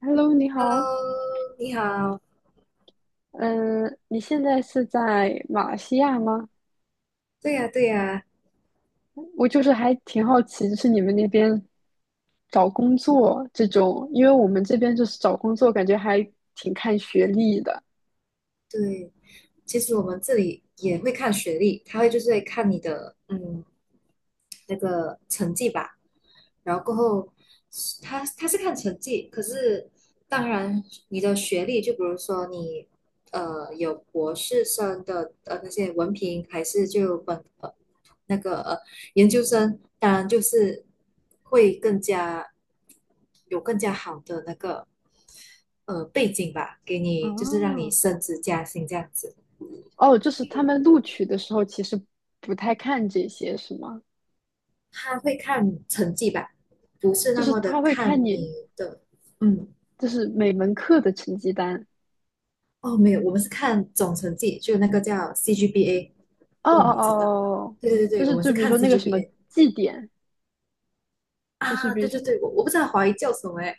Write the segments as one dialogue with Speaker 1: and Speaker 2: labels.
Speaker 1: Hello，你好，
Speaker 2: Hello，你好。
Speaker 1: 嗯，你现在是在马来西亚吗？
Speaker 2: 对呀，对呀，
Speaker 1: 我就是还挺好奇，就是你们那边找工作这种，因为我们这边就是找工作，感觉还挺看学历的。
Speaker 2: 对。其实我们这里也会看学历，他会就是会看你的那个成绩吧。然后过后他是看成绩，可是当然你的学历，就比如说你有博士生的那些文凭，还是就本那个研究生，当然就是会更加有更加好的那个背景吧，给你就是让你
Speaker 1: 哦，
Speaker 2: 升职加薪这样子，
Speaker 1: 哦，就是他们录取的时候其实不太看这些，是吗？
Speaker 2: 他会看成绩吧，不是
Speaker 1: 就
Speaker 2: 那
Speaker 1: 是
Speaker 2: 么
Speaker 1: 他
Speaker 2: 的
Speaker 1: 会看
Speaker 2: 看
Speaker 1: 你，
Speaker 2: 你的嗯。
Speaker 1: 就是每门课的成绩单。
Speaker 2: 哦，没有，我们是看总成绩，就那个叫 c g b a
Speaker 1: 哦
Speaker 2: 不
Speaker 1: 哦
Speaker 2: 懂你
Speaker 1: 哦，
Speaker 2: 知道吗？
Speaker 1: 哦
Speaker 2: 对对
Speaker 1: 就
Speaker 2: 对，我
Speaker 1: 是
Speaker 2: 们是
Speaker 1: 就比如
Speaker 2: 看
Speaker 1: 说
Speaker 2: c
Speaker 1: 那个
Speaker 2: g
Speaker 1: 什
Speaker 2: b
Speaker 1: 么
Speaker 2: a
Speaker 1: 绩点，就是
Speaker 2: 啊，
Speaker 1: 比
Speaker 2: 对
Speaker 1: 如
Speaker 2: 对
Speaker 1: 说
Speaker 2: 对，我不知道华语叫什么哎，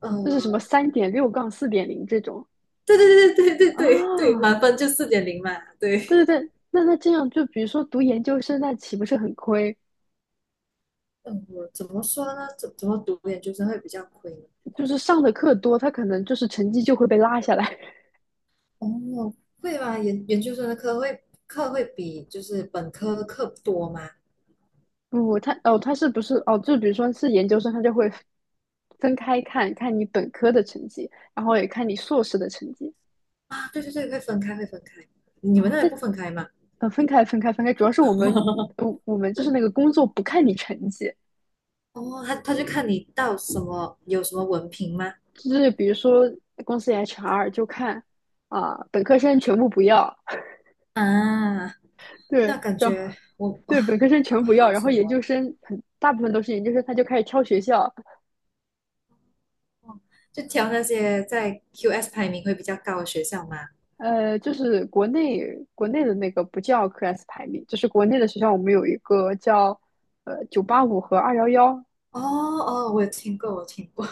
Speaker 2: 呃，
Speaker 1: 就是什么三点六杠四点零这种。
Speaker 2: 对对对对对对对对，
Speaker 1: 啊，
Speaker 2: 满分就4.0嘛，对，
Speaker 1: 对对对，那那这样就比如说读研究生，那岂不是很亏？
Speaker 2: 嗯，我怎么说呢？怎么读研究生会比较亏呢？
Speaker 1: 就是上的课多，他可能就是成绩就会被拉下来。
Speaker 2: 哦，会吧，研究生的课会比就是本科的课多吗？
Speaker 1: 不，他哦，他是不是哦？就比如说是研究生，他就会分开看你本科的成绩，然后也看你硕士的成绩
Speaker 2: 啊，对对对，会分开会分开，你
Speaker 1: 啊。
Speaker 2: 们那里
Speaker 1: 但
Speaker 2: 不分开吗？
Speaker 1: 分开，主要是我们 我们就是那个工作不看你成绩，
Speaker 2: 哦，他就看你到什么有什么文凭吗？
Speaker 1: 就是比如说公司 HR 就看啊，本科生全部不要
Speaker 2: 啊，
Speaker 1: 对，
Speaker 2: 那感
Speaker 1: 然后
Speaker 2: 觉我哇、
Speaker 1: 对本科生
Speaker 2: 好
Speaker 1: 全不要，
Speaker 2: 好
Speaker 1: 然
Speaker 2: 什
Speaker 1: 后研究
Speaker 2: 么
Speaker 1: 生很大部分都是研究生，他就开始挑学校。
Speaker 2: 哦，就挑那些在 QS 排名会比较高的学校嘛。
Speaker 1: 就是国内的那个不叫 QS 排名，就是国内的学校我们有一个叫九八五和二幺幺，
Speaker 2: 哦哦，我有听过，我有听过。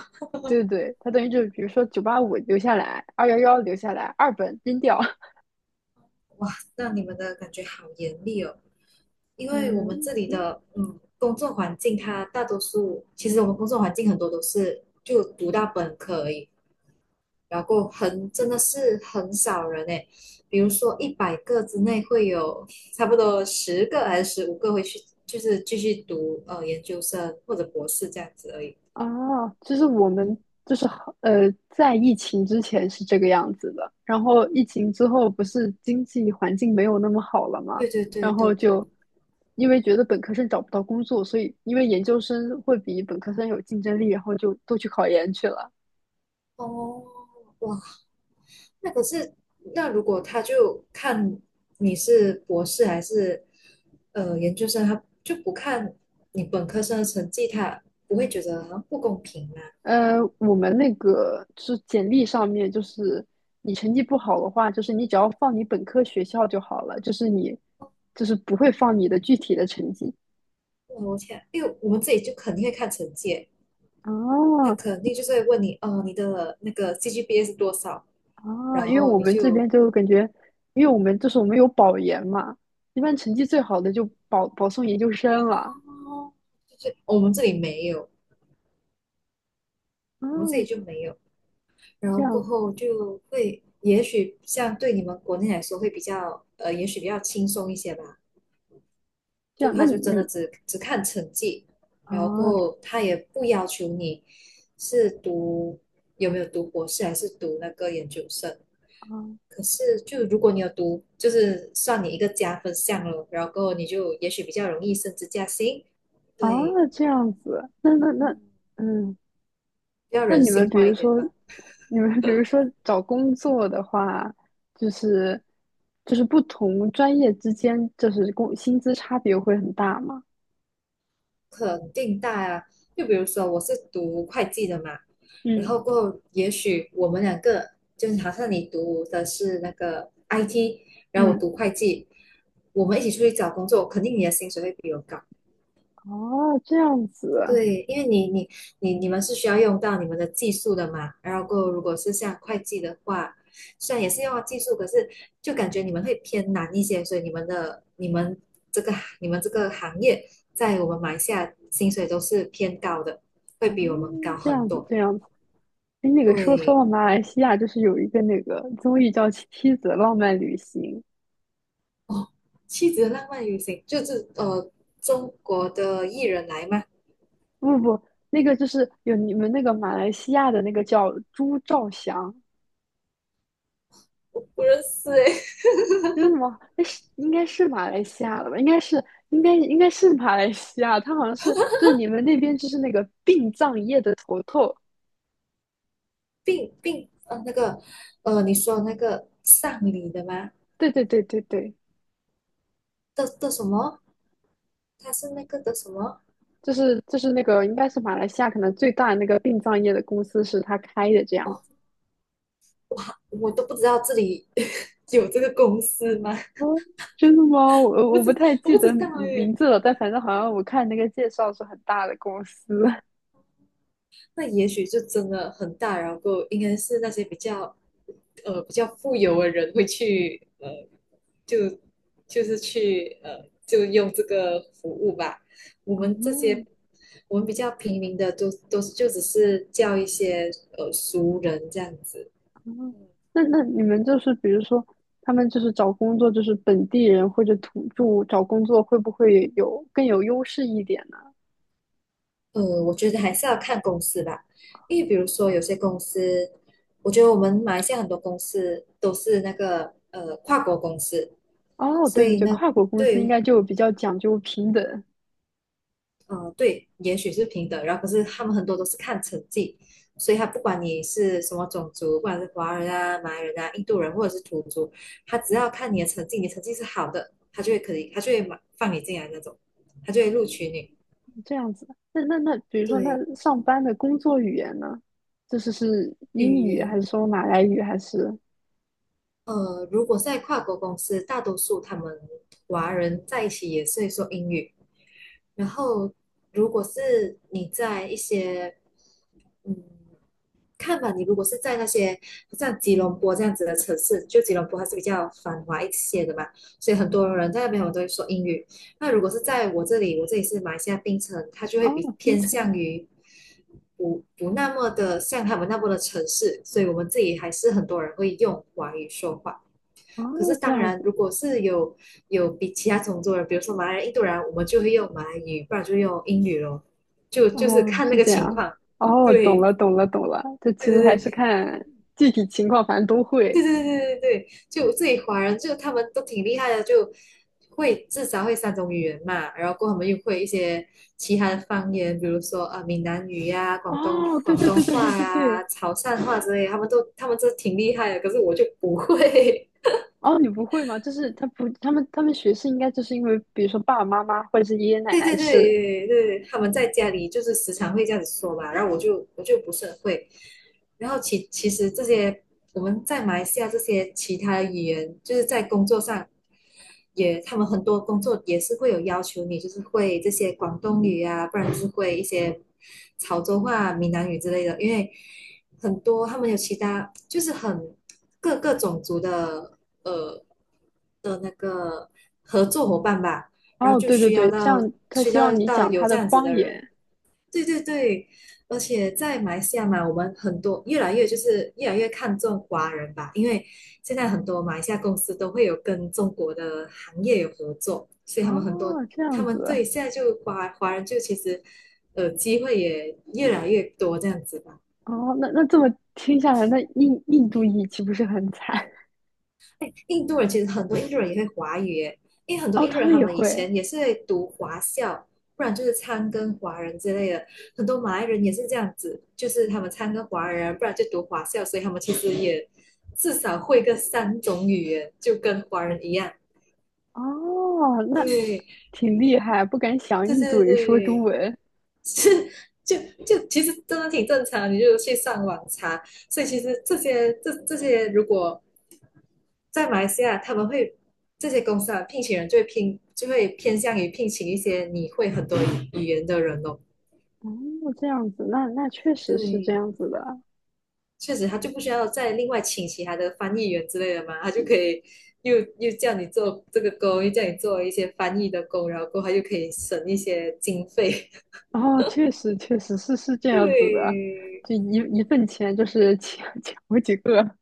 Speaker 1: 对对对，它等于就是比如说九八五留下来，二幺幺留下来，二本扔掉。
Speaker 2: 哇，那你们的感觉好严厉哦，因为我们
Speaker 1: 嗯。
Speaker 2: 这里的工作环境，它大多数其实我们工作环境很多都是就读到本科而已，然后很真的是很少人诶，比如说100个之内会有差不多10个还是15个会去，就是继续读研究生或者博士这样子而已。
Speaker 1: 哦，就是我们
Speaker 2: 嗯，
Speaker 1: 就是好在疫情之前是这个样子的，然后疫情之后不是经济环境没有那么好了嘛，
Speaker 2: 对对对
Speaker 1: 然
Speaker 2: 对
Speaker 1: 后就
Speaker 2: 对，
Speaker 1: 因为觉得本科生找不到工作，所以因为研究生会比本科生有竞争力，然后就都去考研去了。
Speaker 2: 哦，哇，那可是那如果他就看你是博士还是研究生，他就不看你本科生的成绩，他不会觉得好像不公平吗？
Speaker 1: 我们那个就是简历上面，就是你成绩不好的话，就是你只要放你本科学校就好了，就是你就是不会放你的具体的成绩。
Speaker 2: 哇我天，因为我们自己就肯定会看成绩欸他
Speaker 1: 哦，
Speaker 2: 肯定就是会问你，哦，你的那个 CGPA 是多少？
Speaker 1: 啊，
Speaker 2: 然
Speaker 1: 因为
Speaker 2: 后
Speaker 1: 我
Speaker 2: 你
Speaker 1: 们这
Speaker 2: 就，
Speaker 1: 边就感觉，因为我们就是我们有保研嘛，一般成绩最好的就保送研究生了。
Speaker 2: 哦，就是哦我们这里没有，我们这里
Speaker 1: 嗯，
Speaker 2: 就没有。然后
Speaker 1: 这
Speaker 2: 过
Speaker 1: 样子，
Speaker 2: 后就会，也许像对你们国内来说会比较，也许比较轻松一些吧。
Speaker 1: 这
Speaker 2: 就
Speaker 1: 样，那
Speaker 2: 他就
Speaker 1: 你
Speaker 2: 真的只看成绩，然后过
Speaker 1: 啊
Speaker 2: 后他也不要求你是读有没有读博士还是读那个研究生，
Speaker 1: 啊
Speaker 2: 可是，就如果你有读，就是算你一个加分项了，然后你就也许比较容易升职加薪，
Speaker 1: 啊
Speaker 2: 对，
Speaker 1: 这样子，那那那嗯，
Speaker 2: 比较
Speaker 1: 那
Speaker 2: 人
Speaker 1: 你们
Speaker 2: 性
Speaker 1: 比
Speaker 2: 化一
Speaker 1: 如
Speaker 2: 点
Speaker 1: 说，
Speaker 2: 吧，
Speaker 1: 你们比如说找工作的话，就是就是不同专业之间就是工薪资差别会很大吗？
Speaker 2: 肯定大啊。就比如说我是读会计的嘛，然
Speaker 1: 嗯
Speaker 2: 后过后也许我们两个就是好像你读的是那个 IT，然后我
Speaker 1: 嗯。
Speaker 2: 读会计，我们一起出去找工作，肯定你的薪水会比我高
Speaker 1: 哦，这样子。
Speaker 2: 对，因为你们是需要用到你们的技术的嘛，然后过后如果是像会计的话，虽然也是用到技术，可是就感觉你们会偏难一些，所以你们的你们这个你们这个行业在我们马来西亚薪水都是偏高的，会
Speaker 1: 哦，
Speaker 2: 比我们高
Speaker 1: 这
Speaker 2: 很
Speaker 1: 样子
Speaker 2: 多。
Speaker 1: 这样子。哎，那个说说
Speaker 2: 对，
Speaker 1: 到马来西亚，就是有一个那个综艺叫《妻子浪漫旅行》。
Speaker 2: 哦，妻子的浪漫旅行就是中国的艺人来吗？
Speaker 1: 不不不，那个就是有你们那个马来西亚的那个叫朱兆祥，
Speaker 2: 我不认识诶，
Speaker 1: 真是什么？那是应该是马来西亚的吧？应该是，应该应该是马来西亚，他好像是就是你们那边就是那个殡葬业的头头。
Speaker 2: 并并那个你说那个上礼的吗？
Speaker 1: 对对对对对，
Speaker 2: 的的什么？他是那个的什么？
Speaker 1: 就是就是那个应该是马来西亚可能最大的那个殡葬业的公司是他开的这样。
Speaker 2: 哦，我都不知道这里 有这个公司吗？
Speaker 1: 哦，真的吗？
Speaker 2: 我
Speaker 1: 我
Speaker 2: 不
Speaker 1: 我
Speaker 2: 知
Speaker 1: 不太
Speaker 2: 我
Speaker 1: 记
Speaker 2: 不
Speaker 1: 得
Speaker 2: 知道
Speaker 1: 名
Speaker 2: 耶。
Speaker 1: 字了，但反正好像我看那个介绍是很大的公司。
Speaker 2: 那也许就真的很大，然后应该是那些比较比较富有的人会去就是去就用这个服务吧。我们这些
Speaker 1: 哦
Speaker 2: 我们比较平民的都就只是叫一些熟人这样子。
Speaker 1: 哦。那那你们就是比如说，他们就是找工作，就是本地人或者土著找工作，会不会有更有优势一点呢？
Speaker 2: 我觉得还是要看公司吧，因为比如说有些公司，我觉得我们马来西亚很多公司都是那个跨国公司，
Speaker 1: 哦，
Speaker 2: 所
Speaker 1: 对对
Speaker 2: 以
Speaker 1: 对，
Speaker 2: 呢，
Speaker 1: 跨国公司应
Speaker 2: 对，
Speaker 1: 该就比较讲究平等
Speaker 2: 对，也许是平等，然后可是他们很多都是看成绩，所以他不管你是什么种族，不管是华人啊、马来人啊、印度人或者是土著，他只要看你的成绩，你成绩是好的，他就会可以，他就会马放你进来那种，他就会录取你。
Speaker 1: 这样子。那那那，比如说
Speaker 2: 对，
Speaker 1: 那上班的工作语言呢？就是是英
Speaker 2: 语
Speaker 1: 语还
Speaker 2: 言。
Speaker 1: 是说马来语还是？
Speaker 2: 如果在跨国公司，大多数他们华人在一起也是会说英语。然后，如果是你在一些，嗯，看吧，你如果是在那些像吉隆坡这样子的城市，就吉隆坡还是比较繁华一些的嘛，所以很多人在那边我都会说英语。那如果是在我这里，我这里是马来西亚槟城，它就会比
Speaker 1: 哦，槟
Speaker 2: 偏
Speaker 1: 城。
Speaker 2: 向于不那么的像他们那么的城市，所以我们自己还是很多人会用华语说话。
Speaker 1: 哦，
Speaker 2: 可是
Speaker 1: 这
Speaker 2: 当
Speaker 1: 样
Speaker 2: 然，
Speaker 1: 子。
Speaker 2: 如果是有比其他种族人，比如说马来人、印度人，我们就会用马来语，不然就用英语咯。就是
Speaker 1: 哦，
Speaker 2: 看那
Speaker 1: 是
Speaker 2: 个
Speaker 1: 这
Speaker 2: 情
Speaker 1: 样。
Speaker 2: 况。
Speaker 1: 哦，懂
Speaker 2: 对
Speaker 1: 了，懂了，懂了。这其实
Speaker 2: 对
Speaker 1: 还是
Speaker 2: 对
Speaker 1: 看具体情况，反正都
Speaker 2: 对
Speaker 1: 会。
Speaker 2: 对对对对对，就自己华人就他们都挺厉害的，就会至少会三种语言嘛，然后过后他们又会一些其他的方言，比如说啊闽南语呀、广东
Speaker 1: 哦，对
Speaker 2: 广
Speaker 1: 对
Speaker 2: 东
Speaker 1: 对对对
Speaker 2: 话
Speaker 1: 对
Speaker 2: 呀、
Speaker 1: 对。
Speaker 2: 潮汕话之类的他们都挺厉害的，可是我就不会。
Speaker 1: 哦，你不会吗？就是他不，他们他们学是应该就是因为，比如说爸爸妈妈或者是爷爷奶
Speaker 2: 对
Speaker 1: 奶
Speaker 2: 对
Speaker 1: 是。
Speaker 2: 对对，他们在家里就是时常会这样子说嘛，然后我就不是很会，然后其实这些我们在马来西亚这些其他的语言，就是在工作上也，他们很多工作也是会有要求你，就是会这些广东语啊，不然就是会一些潮州话啊、闽南语之类的。因为很多他们有其他，就是很各个种族的呃的那个合作伙伴吧，然后
Speaker 1: 哦，
Speaker 2: 就
Speaker 1: 对对
Speaker 2: 需要
Speaker 1: 对，这
Speaker 2: 到
Speaker 1: 样他
Speaker 2: 需
Speaker 1: 希
Speaker 2: 要
Speaker 1: 望你
Speaker 2: 到
Speaker 1: 讲
Speaker 2: 有
Speaker 1: 他
Speaker 2: 这
Speaker 1: 的
Speaker 2: 样子
Speaker 1: 方
Speaker 2: 的人，
Speaker 1: 言。
Speaker 2: 对对对，而且在马来西亚嘛，我们很多越来越看重华人吧，因为现在很多马来西亚公司都会有跟中国的行业有合作，所以他们很多
Speaker 1: 哦，这
Speaker 2: 他
Speaker 1: 样
Speaker 2: 们
Speaker 1: 子。
Speaker 2: 对现在就华人就其实机会也越来越多这样子吧。
Speaker 1: 哦，那那这么听下来，那印印度裔岂不是很惨？
Speaker 2: 印度人其实很多印度人也会华语耶，因为很多
Speaker 1: 哦，
Speaker 2: 印度
Speaker 1: 他
Speaker 2: 人
Speaker 1: 们
Speaker 2: 他
Speaker 1: 也
Speaker 2: 们以
Speaker 1: 会。
Speaker 2: 前也是会读华校，不然就是参跟华人之类的。很多马来人也是这样子，就是他们参跟华人，不然就读华校，所以他们其实也至少会个三种语言，就跟华人一样。
Speaker 1: 哦，那
Speaker 2: 对，
Speaker 1: 挺厉害，不敢想
Speaker 2: 对
Speaker 1: 印度
Speaker 2: 对
Speaker 1: 人说中
Speaker 2: 对，
Speaker 1: 文。
Speaker 2: 是。就就其实真的挺正常，你就去上网查。所以其实这些这些，如果在马来西亚，他们会这些公司啊，聘请人就会就会偏向于聘请一些你会很多语言的人哦。
Speaker 1: 哦，这样子，那那确实是这
Speaker 2: 对，
Speaker 1: 样子的。
Speaker 2: 确实他就不需要再另外请其他的翻译员之类的嘛，他就可以又叫你做这个工，又叫你做一些翻译的工，然后过后他就可以省一些经费。
Speaker 1: 哦，确实确实是这 样子的，
Speaker 2: 对，
Speaker 1: 就一份钱就是抢 抢好几个。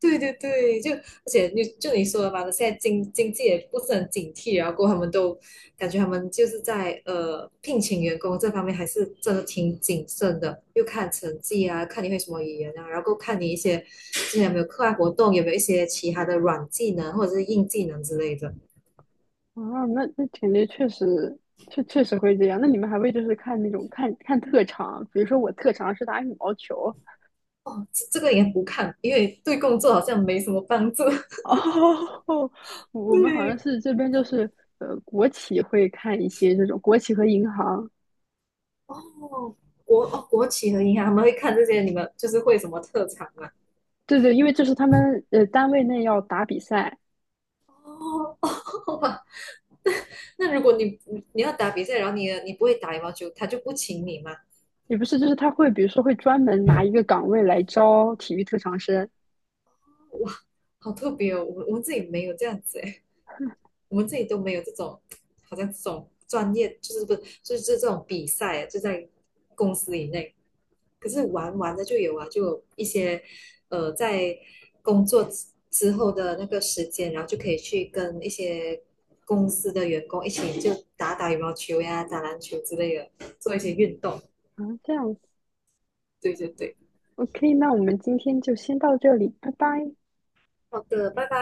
Speaker 2: 对对对，就而且你说的嘛，现在经济也不是很警惕，然后过后他们都感觉他们就是在聘请员工这方面还是真的挺谨慎的，又看成绩啊，看你会什么语言啊，然后看你一些之前有没有课外活动，有没有一些其他的软技能或者是硬技能之类的。
Speaker 1: 啊，那那感觉确实确确实会这样。那你们还会就是看那种看看特长，比如说我特长是打羽毛球。
Speaker 2: 哦，这个也不看，因为对工作好像没什么帮助。
Speaker 1: 哦，我们好像
Speaker 2: 对，
Speaker 1: 是这边就是国企会看一些这种国企和银行。
Speaker 2: 哦，国企和银行他们会看这些，你们就是会什么特长吗？
Speaker 1: 对对，因为这是他们单位内要打比赛，
Speaker 2: 哦，好吧。那如果你要打比赛，然后你不会打羽毛球，他就不请你吗？
Speaker 1: 也不是，就是他会比如说会专门拿一个岗位来招体育特长生。
Speaker 2: 哇，好特别哦！我们这里没有这样子诶，我们这里都没有这种，好像这种专业就是不是就是这种比赛啊就在公司以内。可是玩玩的就有啊，就有一些在工作之后的那个时间，然后就可以去跟一些公司的员工一起就打打羽毛球呀、打篮球之类的，做一些运
Speaker 1: 嗯
Speaker 2: 动。
Speaker 1: 啊，这样子
Speaker 2: 对对对，
Speaker 1: ，OK,那我们今天就先到这里，拜拜。
Speaker 2: 好的，拜拜。